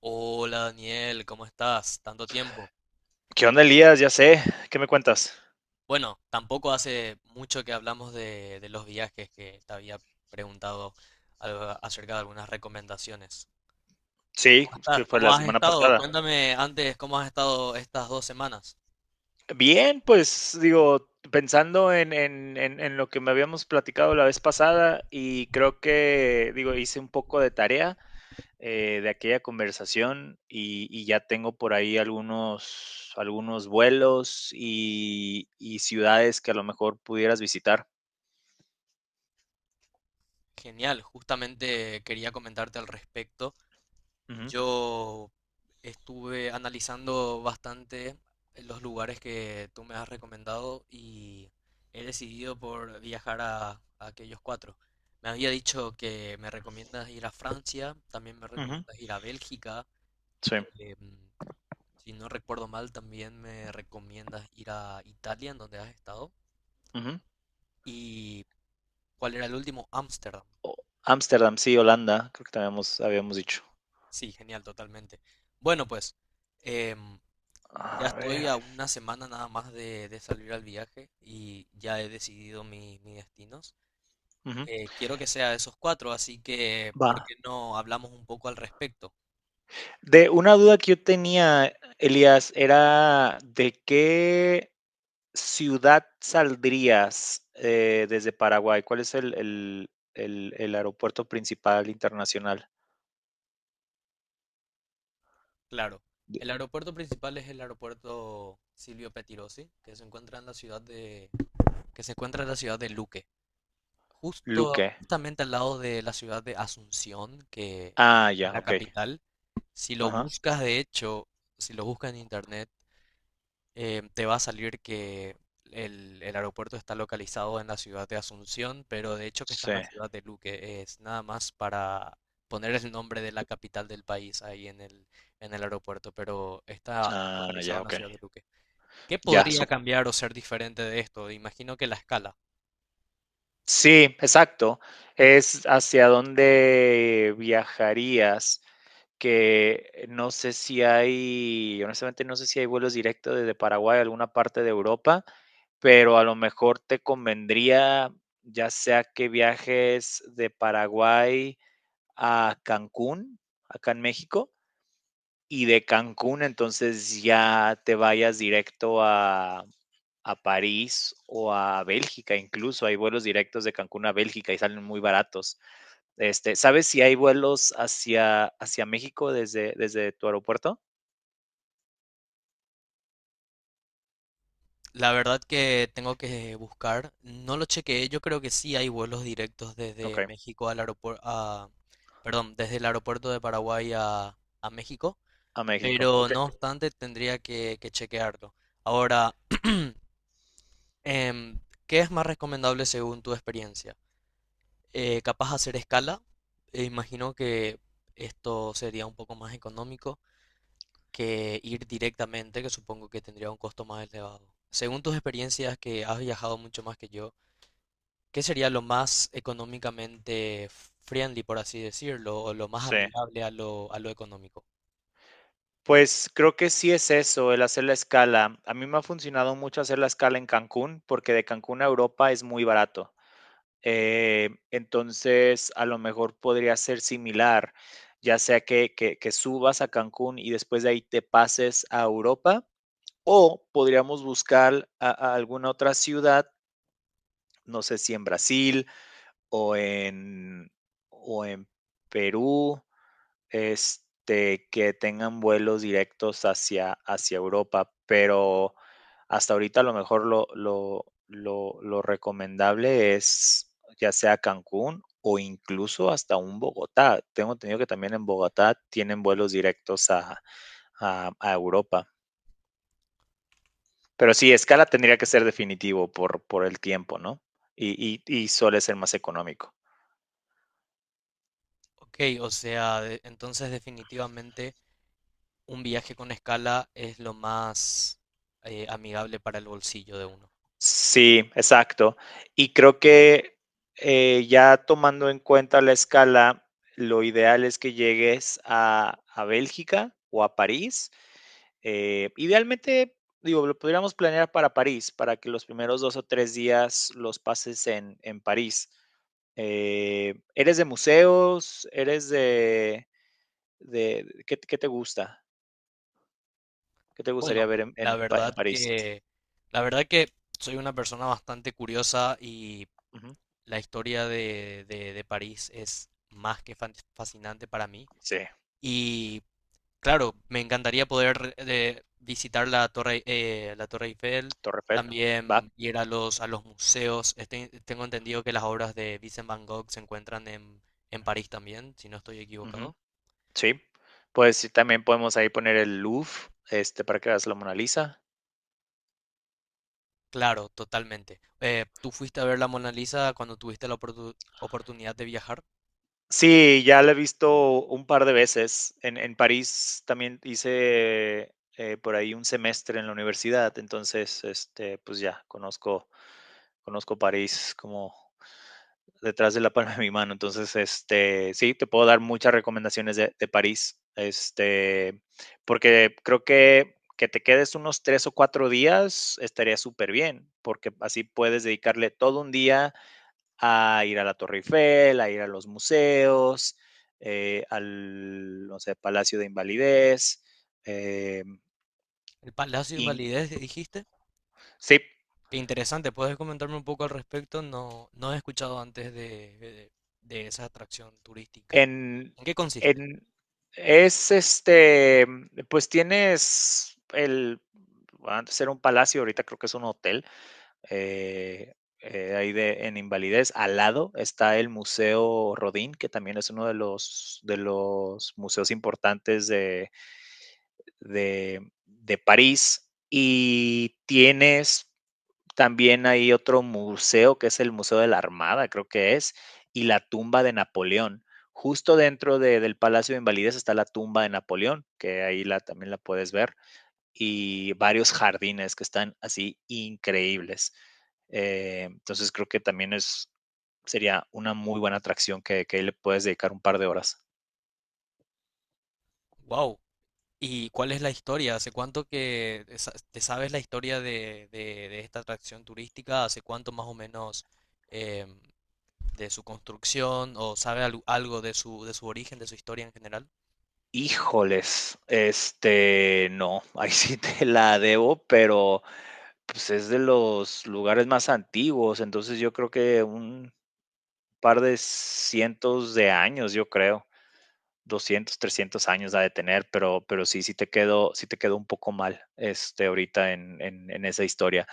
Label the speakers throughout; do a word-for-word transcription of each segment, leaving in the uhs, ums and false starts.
Speaker 1: Hola Daniel, ¿cómo estás? Tanto tiempo.
Speaker 2: ¿Qué onda, Elías? Ya sé. ¿Qué me cuentas?
Speaker 1: Bueno, tampoco hace mucho que hablamos de, de los viajes que te había preguntado algo acerca de algunas recomendaciones. ¿Cómo
Speaker 2: Sí, que
Speaker 1: estás?
Speaker 2: fue
Speaker 1: ¿Cómo
Speaker 2: la
Speaker 1: has
Speaker 2: semana
Speaker 1: estado?
Speaker 2: pasada.
Speaker 1: Cuéntame antes cómo has estado estas dos semanas.
Speaker 2: Bien, pues digo, pensando en, en, en, en lo que me habíamos platicado la vez pasada y creo que, digo, hice un poco de tarea eh, de aquella conversación y, y ya tengo por ahí algunos, algunos vuelos y, y ciudades que a lo mejor pudieras visitar.
Speaker 1: Genial, justamente quería comentarte al respecto.
Speaker 2: Ujú,
Speaker 1: Yo estuve analizando bastante eh, los lugares que tú me has recomendado y he decidido por viajar a, a aquellos cuatro. Me había dicho que me recomiendas ir a Francia, también me
Speaker 2: ujú,
Speaker 1: recomiendas ir a Bélgica,
Speaker 2: sí.
Speaker 1: em, si no recuerdo mal, también me recomiendas ir a Italia, en donde has estado.
Speaker 2: Ujú.
Speaker 1: ¿Y cuál era el último? Ámsterdam.
Speaker 2: Ámsterdam, sí, Holanda, creo que te habíamos, habíamos dicho.
Speaker 1: Sí, genial, totalmente. Bueno, pues, em, ya
Speaker 2: A
Speaker 1: estoy
Speaker 2: ver.
Speaker 1: a una semana nada más de, de salir al viaje y ya he decidido mi- mis destinos.
Speaker 2: Ujú,
Speaker 1: Eh, quiero que sea esos cuatro, así que
Speaker 2: va.
Speaker 1: ¿por qué no hablamos un poco al respecto?
Speaker 2: De una duda que yo tenía, Elías, era de qué ciudad saldrías eh, desde Paraguay. ¿Cuál es el, el- el- el aeropuerto principal internacional?
Speaker 1: Claro,
Speaker 2: De-
Speaker 1: el aeropuerto principal es el aeropuerto Silvio Pettirossi, que se encuentra en la ciudad de, que se encuentra en la ciudad de Luque, justo,
Speaker 2: Luque.
Speaker 1: justamente al lado de la ciudad de Asunción, que
Speaker 2: Ah,
Speaker 1: es
Speaker 2: ya,
Speaker 1: la
Speaker 2: ok.
Speaker 1: capital. Si lo
Speaker 2: Ajá.
Speaker 1: buscas, de hecho, si lo buscas en internet, eh, te va a salir que el, el aeropuerto está localizado en la ciudad de Asunción, pero de hecho que está
Speaker 2: Sí.
Speaker 1: en la ciudad de Luque. Es nada más para poner el nombre de la capital del país ahí en el, en el aeropuerto, pero está
Speaker 2: Ah,
Speaker 1: localizado
Speaker 2: ya,
Speaker 1: en la
Speaker 2: ok.
Speaker 1: ciudad de Luque. ¿Qué
Speaker 2: Ya,
Speaker 1: podría cambiar o ser diferente de esto? Imagino que la escala.
Speaker 2: sí, exacto. Es hacia dónde viajarías, que no sé si hay, honestamente no sé si hay vuelos directos desde Paraguay a alguna parte de Europa, pero a lo mejor te convendría, ya sea que viajes de Paraguay a Cancún, acá en México, y de Cancún entonces ya te vayas directo a, a París o a Bélgica, incluso hay vuelos directos de Cancún a Bélgica y salen muy baratos. Este, ¿sabes si hay vuelos hacia, hacia México desde, desde tu aeropuerto?
Speaker 1: La verdad que tengo que buscar. No lo chequeé. Yo creo que sí hay vuelos directos
Speaker 2: Ok,
Speaker 1: desde México al aeropuerto, a, perdón, desde el aeropuerto de Paraguay a, a México.
Speaker 2: a México,
Speaker 1: Pero
Speaker 2: ok.
Speaker 1: no obstante tendría que, que chequearlo. Ahora, em, ¿qué es más recomendable según tu experiencia? Eh, ¿capaz hacer escala? Eh, imagino que esto sería un poco más económico que ir directamente, que supongo que tendría un costo más elevado. Según tus experiencias, que has viajado mucho más que yo, ¿qué sería lo más económicamente friendly, por así decirlo, o lo más
Speaker 2: Sí.
Speaker 1: amigable a lo, a lo económico?
Speaker 2: Pues creo que sí es eso, el hacer la escala. A mí me ha funcionado mucho hacer la escala en Cancún porque de Cancún a Europa es muy barato. Eh, entonces, a lo mejor podría ser similar, ya sea que, que, que subas a Cancún y después de ahí te pases a Europa. O podríamos buscar a, a alguna otra ciudad, no sé si en Brasil o en, o en Perú, este, que tengan vuelos directos hacia, hacia Europa, pero hasta ahorita a lo mejor lo, lo, lo, lo recomendable es ya sea Cancún o incluso hasta un Bogotá. Tengo entendido que también en Bogotá tienen vuelos directos a, a, a Europa. Pero sí, Scala tendría que ser definitivo por, por el tiempo, ¿no? Y, y, y suele ser más económico.
Speaker 1: Ok, o sea, de- entonces definitivamente un viaje con escala es lo más eh, amigable para el bolsillo de uno.
Speaker 2: Sí, exacto. Y creo que eh, ya tomando en cuenta la escala, lo ideal es que llegues a, a Bélgica o a París. Eh, idealmente, digo, lo podríamos planear para París, para que los primeros dos o tres días los pases en, en París. Eh, ¿Eres de museos? ¿Eres de... de ¿qué, qué te gusta? ¿Qué te gustaría
Speaker 1: Bueno,
Speaker 2: ver en
Speaker 1: la
Speaker 2: en Pa en
Speaker 1: verdad
Speaker 2: París?
Speaker 1: que, la verdad que soy una persona bastante curiosa y
Speaker 2: Ujú.
Speaker 1: la historia de, de- de París es más que fan- fascinante para mí.
Speaker 2: Sí,
Speaker 1: Y claro, me encantaría poder eh, visitar la Torre, eh, la Torre Eiffel,
Speaker 2: Torre Eiffel, va,
Speaker 1: también ir a los, a los museos. Este- tengo entendido que las obras de Vincent Van Gogh se encuentran en, en París también, si no estoy
Speaker 2: ujú,
Speaker 1: equivocado.
Speaker 2: sí. Pues sí, también podemos ahí poner el Louvre, este, para que veas la Mona Lisa.
Speaker 1: Claro, totalmente. Eh, ¿tú fuiste a ver la Mona Lisa cuando tuviste la oportu- oportunidad de viajar?
Speaker 2: Sí, ya la he visto un par de veces. En en París también hice, eh, por ahí un semestre en la universidad, entonces, este, pues ya conozco conozco París como detrás de la palma de mi mano. Entonces, este, sí, te puedo dar muchas recomendaciones de, de París, este, porque creo que que te quedes unos tres o cuatro días estaría súper bien, porque así puedes dedicarle todo un día a ir a la Torre Eiffel, a ir a los museos, eh, al, no sé, Palacio de Invalidez. Eh,
Speaker 1: El Palacio de
Speaker 2: y,
Speaker 1: Invalidez, eh, dijiste.
Speaker 2: sí,
Speaker 1: Qué interesante, ¿puedes comentarme un poco al respecto? No, no he escuchado antes de, de- de esa atracción turística.
Speaker 2: En,
Speaker 1: ¿En qué consiste?
Speaker 2: en es este, pues tienes el, bueno, antes era un palacio, ahorita creo que es un hotel, eh, eh, ahí de, en Invalidez. Al lado está el Museo Rodin que también es uno de los, de los museos importantes de, de, de París. Y tienes también hay otro museo que es el Museo de la Armada, creo que es, y la tumba de Napoleón. Justo dentro de- del Palacio de Invalidez está la tumba de Napoleón, que ahí la, también la puedes ver, y varios jardines que están así increíbles. Eh, entonces creo que también es, sería una muy buena atracción que, que ahí le puedes dedicar un par de horas.
Speaker 1: Wow. ¿Y cuál es la historia? ¿Hace cuánto que sa- te sabes la historia de, de- de esta atracción turística? ¿Hace cuánto más o menos em, de su construcción? ¿O sabe algo algo de su, de su origen, de su historia en general?
Speaker 2: Híjoles, este, no, ahí sí te la debo, pero pues, es de los lugares más antiguos, entonces yo creo que un par de cientos de años, yo creo, doscientos, trescientos años ha de tener, pero pero sí, sí te quedó sí te quedó un poco mal, este, ahorita en en en esa historia.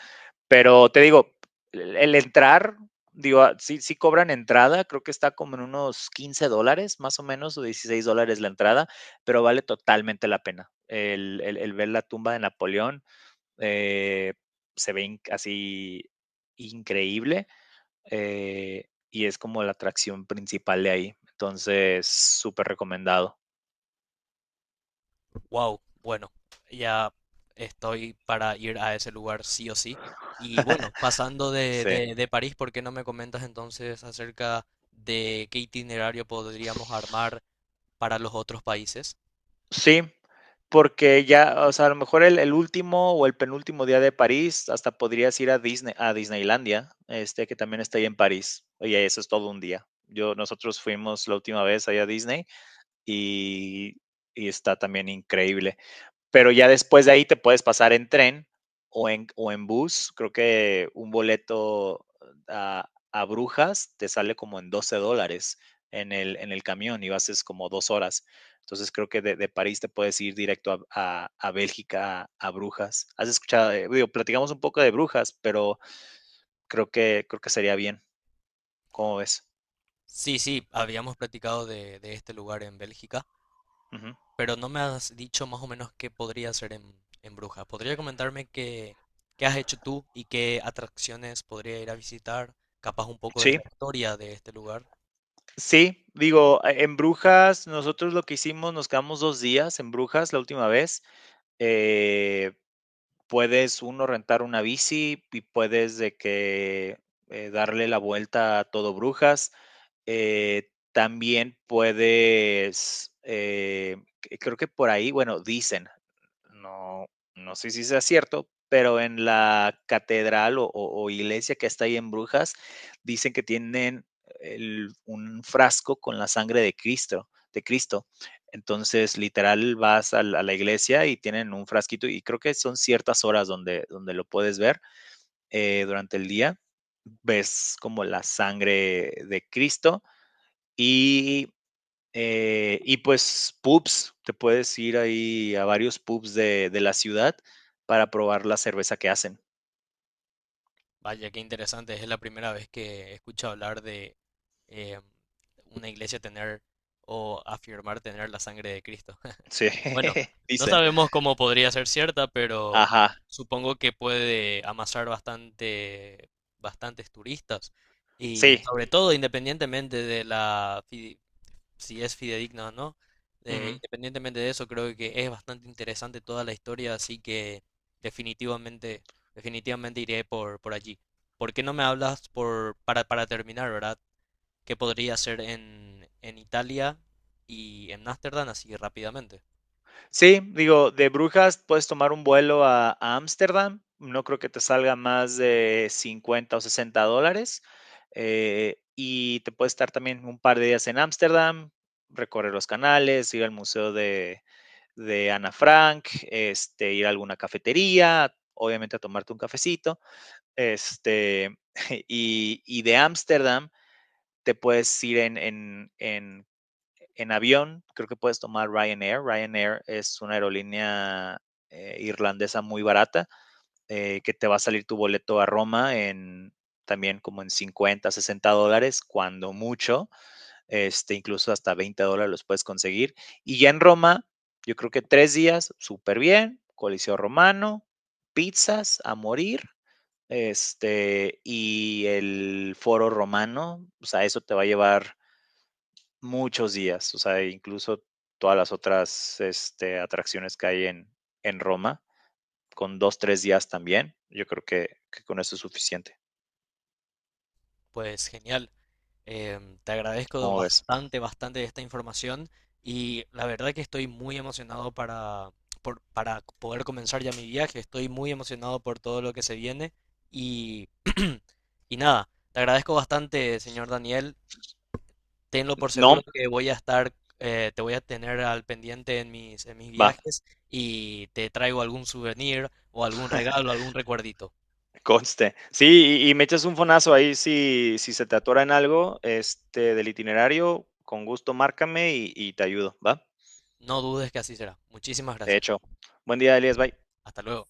Speaker 2: Pero te digo, el el entrar, digo, ah, sí sí cobran entrada, creo que está como en unos quince dólares, más o menos, o dieciséis dólares la entrada, pero vale totalmente la pena. El el el ver la tumba de Napoleón, eh, se ve in- así increíble, eh, y es como la atracción principal de ahí. Entonces, súper recomendado.
Speaker 1: Wow, bueno, ya estoy para ir a ese lugar sí o sí. Y bueno, pasando de,
Speaker 2: Sí.
Speaker 1: de, de París, ¿por qué no me comentas entonces acerca de qué itinerario podríamos armar para los otros países?
Speaker 2: Sí, porque ya, o sea, a lo mejor el, el último o el penúltimo día de París, hasta podrías ir a Disney, a Disneylandia, este que también está ahí en París. Oye, eso es todo un día. Yo, nosotros fuimos la última vez allá a Disney y, y está también increíble. Pero ya después de ahí te puedes pasar en tren o en, o en bus. Creo que un boleto a, a Brujas te sale como en doce dólares en el, en el camión y haces como dos horas. Entonces creo que de, de París te puedes ir directo a, a, a Bélgica, a, a, Brujas. Has escuchado, eh, digo, platicamos un poco de Brujas, pero creo que, creo que sería bien. ¿Cómo ves?
Speaker 1: Sí, sí, habíamos platicado de, de este lugar en Bélgica,
Speaker 2: Uh -huh.
Speaker 1: pero no me has dicho más o menos qué podría ser en, en Brujas. ¿Podría comentarme qué, qué has hecho tú y qué atracciones podría ir a visitar? Capaz un poco de
Speaker 2: Sí,
Speaker 1: la historia de este lugar.
Speaker 2: sí, digo, en Brujas, nosotros lo que hicimos, nos quedamos dos días en Brujas la última vez, eh, puedes uno rentar una bici y puedes de que eh, darle la vuelta a todo Brujas. Eh, también puedes, eh, creo que por ahí, bueno, dicen no, no sé si sea cierto, pero en la catedral o, o- o iglesia que está ahí en Brujas, dicen que tienen el- un frasco con la sangre de Cristo, de Cristo. Entonces, literal, vas a la, a la iglesia y tienen un frasquito y creo que son ciertas horas donde, donde lo puedes ver eh, durante el día. Ves como la sangre de Cristo y eh, y pues pubs, te puedes ir ahí a varios pubs de, de la ciudad para probar la cerveza que hacen.
Speaker 1: Vaya, qué interesante. Es la primera vez que escucho hablar de eh, una iglesia tener o afirmar tener la sangre de Cristo.
Speaker 2: Sí,
Speaker 1: Bueno, no
Speaker 2: dicen.
Speaker 1: sabemos cómo podría ser cierta, pero
Speaker 2: Ajá,
Speaker 1: supongo que puede amasar bastante, bastantes turistas. Y
Speaker 2: sí.
Speaker 1: sobre todo, independientemente de la si es fidedigna o no. Eh,
Speaker 2: Ujú.
Speaker 1: independientemente de eso, creo que es bastante interesante toda la historia, así que definitivamente, definitivamente iré por, por allí. ¿Por qué no me hablas por, para, para terminar, ¿verdad? ¿Qué podría hacer en, en Italia y en Ámsterdam así rápidamente?
Speaker 2: Sí, digo, de Brujas puedes tomar un vuelo a a Ámsterdam, no creo que te salga más de cincuenta o sesenta dólares, eh, y te puedes estar también un par de días en Ámsterdam, recorrer los canales, ir al museo de, de Ana Frank, este, ir a alguna cafetería, obviamente a tomarte un cafecito, este, y, y de Ámsterdam te puedes ir en, en, en en avión, creo que puedes tomar Ryanair. Ryanair es una aerolínea eh, irlandesa muy barata, eh, que te va a salir tu boleto a Roma en también como en cincuenta, sesenta dólares, cuando mucho, este, incluso hasta veinte dólares los puedes conseguir. Y ya en Roma, yo creo que tres días, súper bien, Coliseo Romano, pizzas a morir, este, y el foro romano, o sea, eso te va a llevar muchos días, o sea, incluso todas las otras, este, atracciones que hay en, en Roma, con dos tres días también. Yo creo que, que con eso es suficiente.
Speaker 1: Pues genial. Em, te agradezco
Speaker 2: ¿Cómo ves?
Speaker 1: bastante, bastante esta información y la verdad que estoy muy emocionado para, por- para poder comenzar ya mi viaje. Estoy muy emocionado por todo lo que se viene y, y nada, te agradezco bastante, señor Daniel. Tenlo por
Speaker 2: No,
Speaker 1: seguro que voy a estar, eh, te voy a tener al pendiente en mis, en mis
Speaker 2: va,
Speaker 1: viajes y te traigo algún souvenir o algún regalo, algún recuerdito.
Speaker 2: conste. Sí, y, y me echas un fonazo ahí si, si se te atora en algo, este, del itinerario, con gusto márcame y, y te ayudo, ¿va?
Speaker 1: No dudes que así será. Muchísimas
Speaker 2: De
Speaker 1: gracias.
Speaker 2: hecho, buen día, Elías, bye.
Speaker 1: Hasta luego.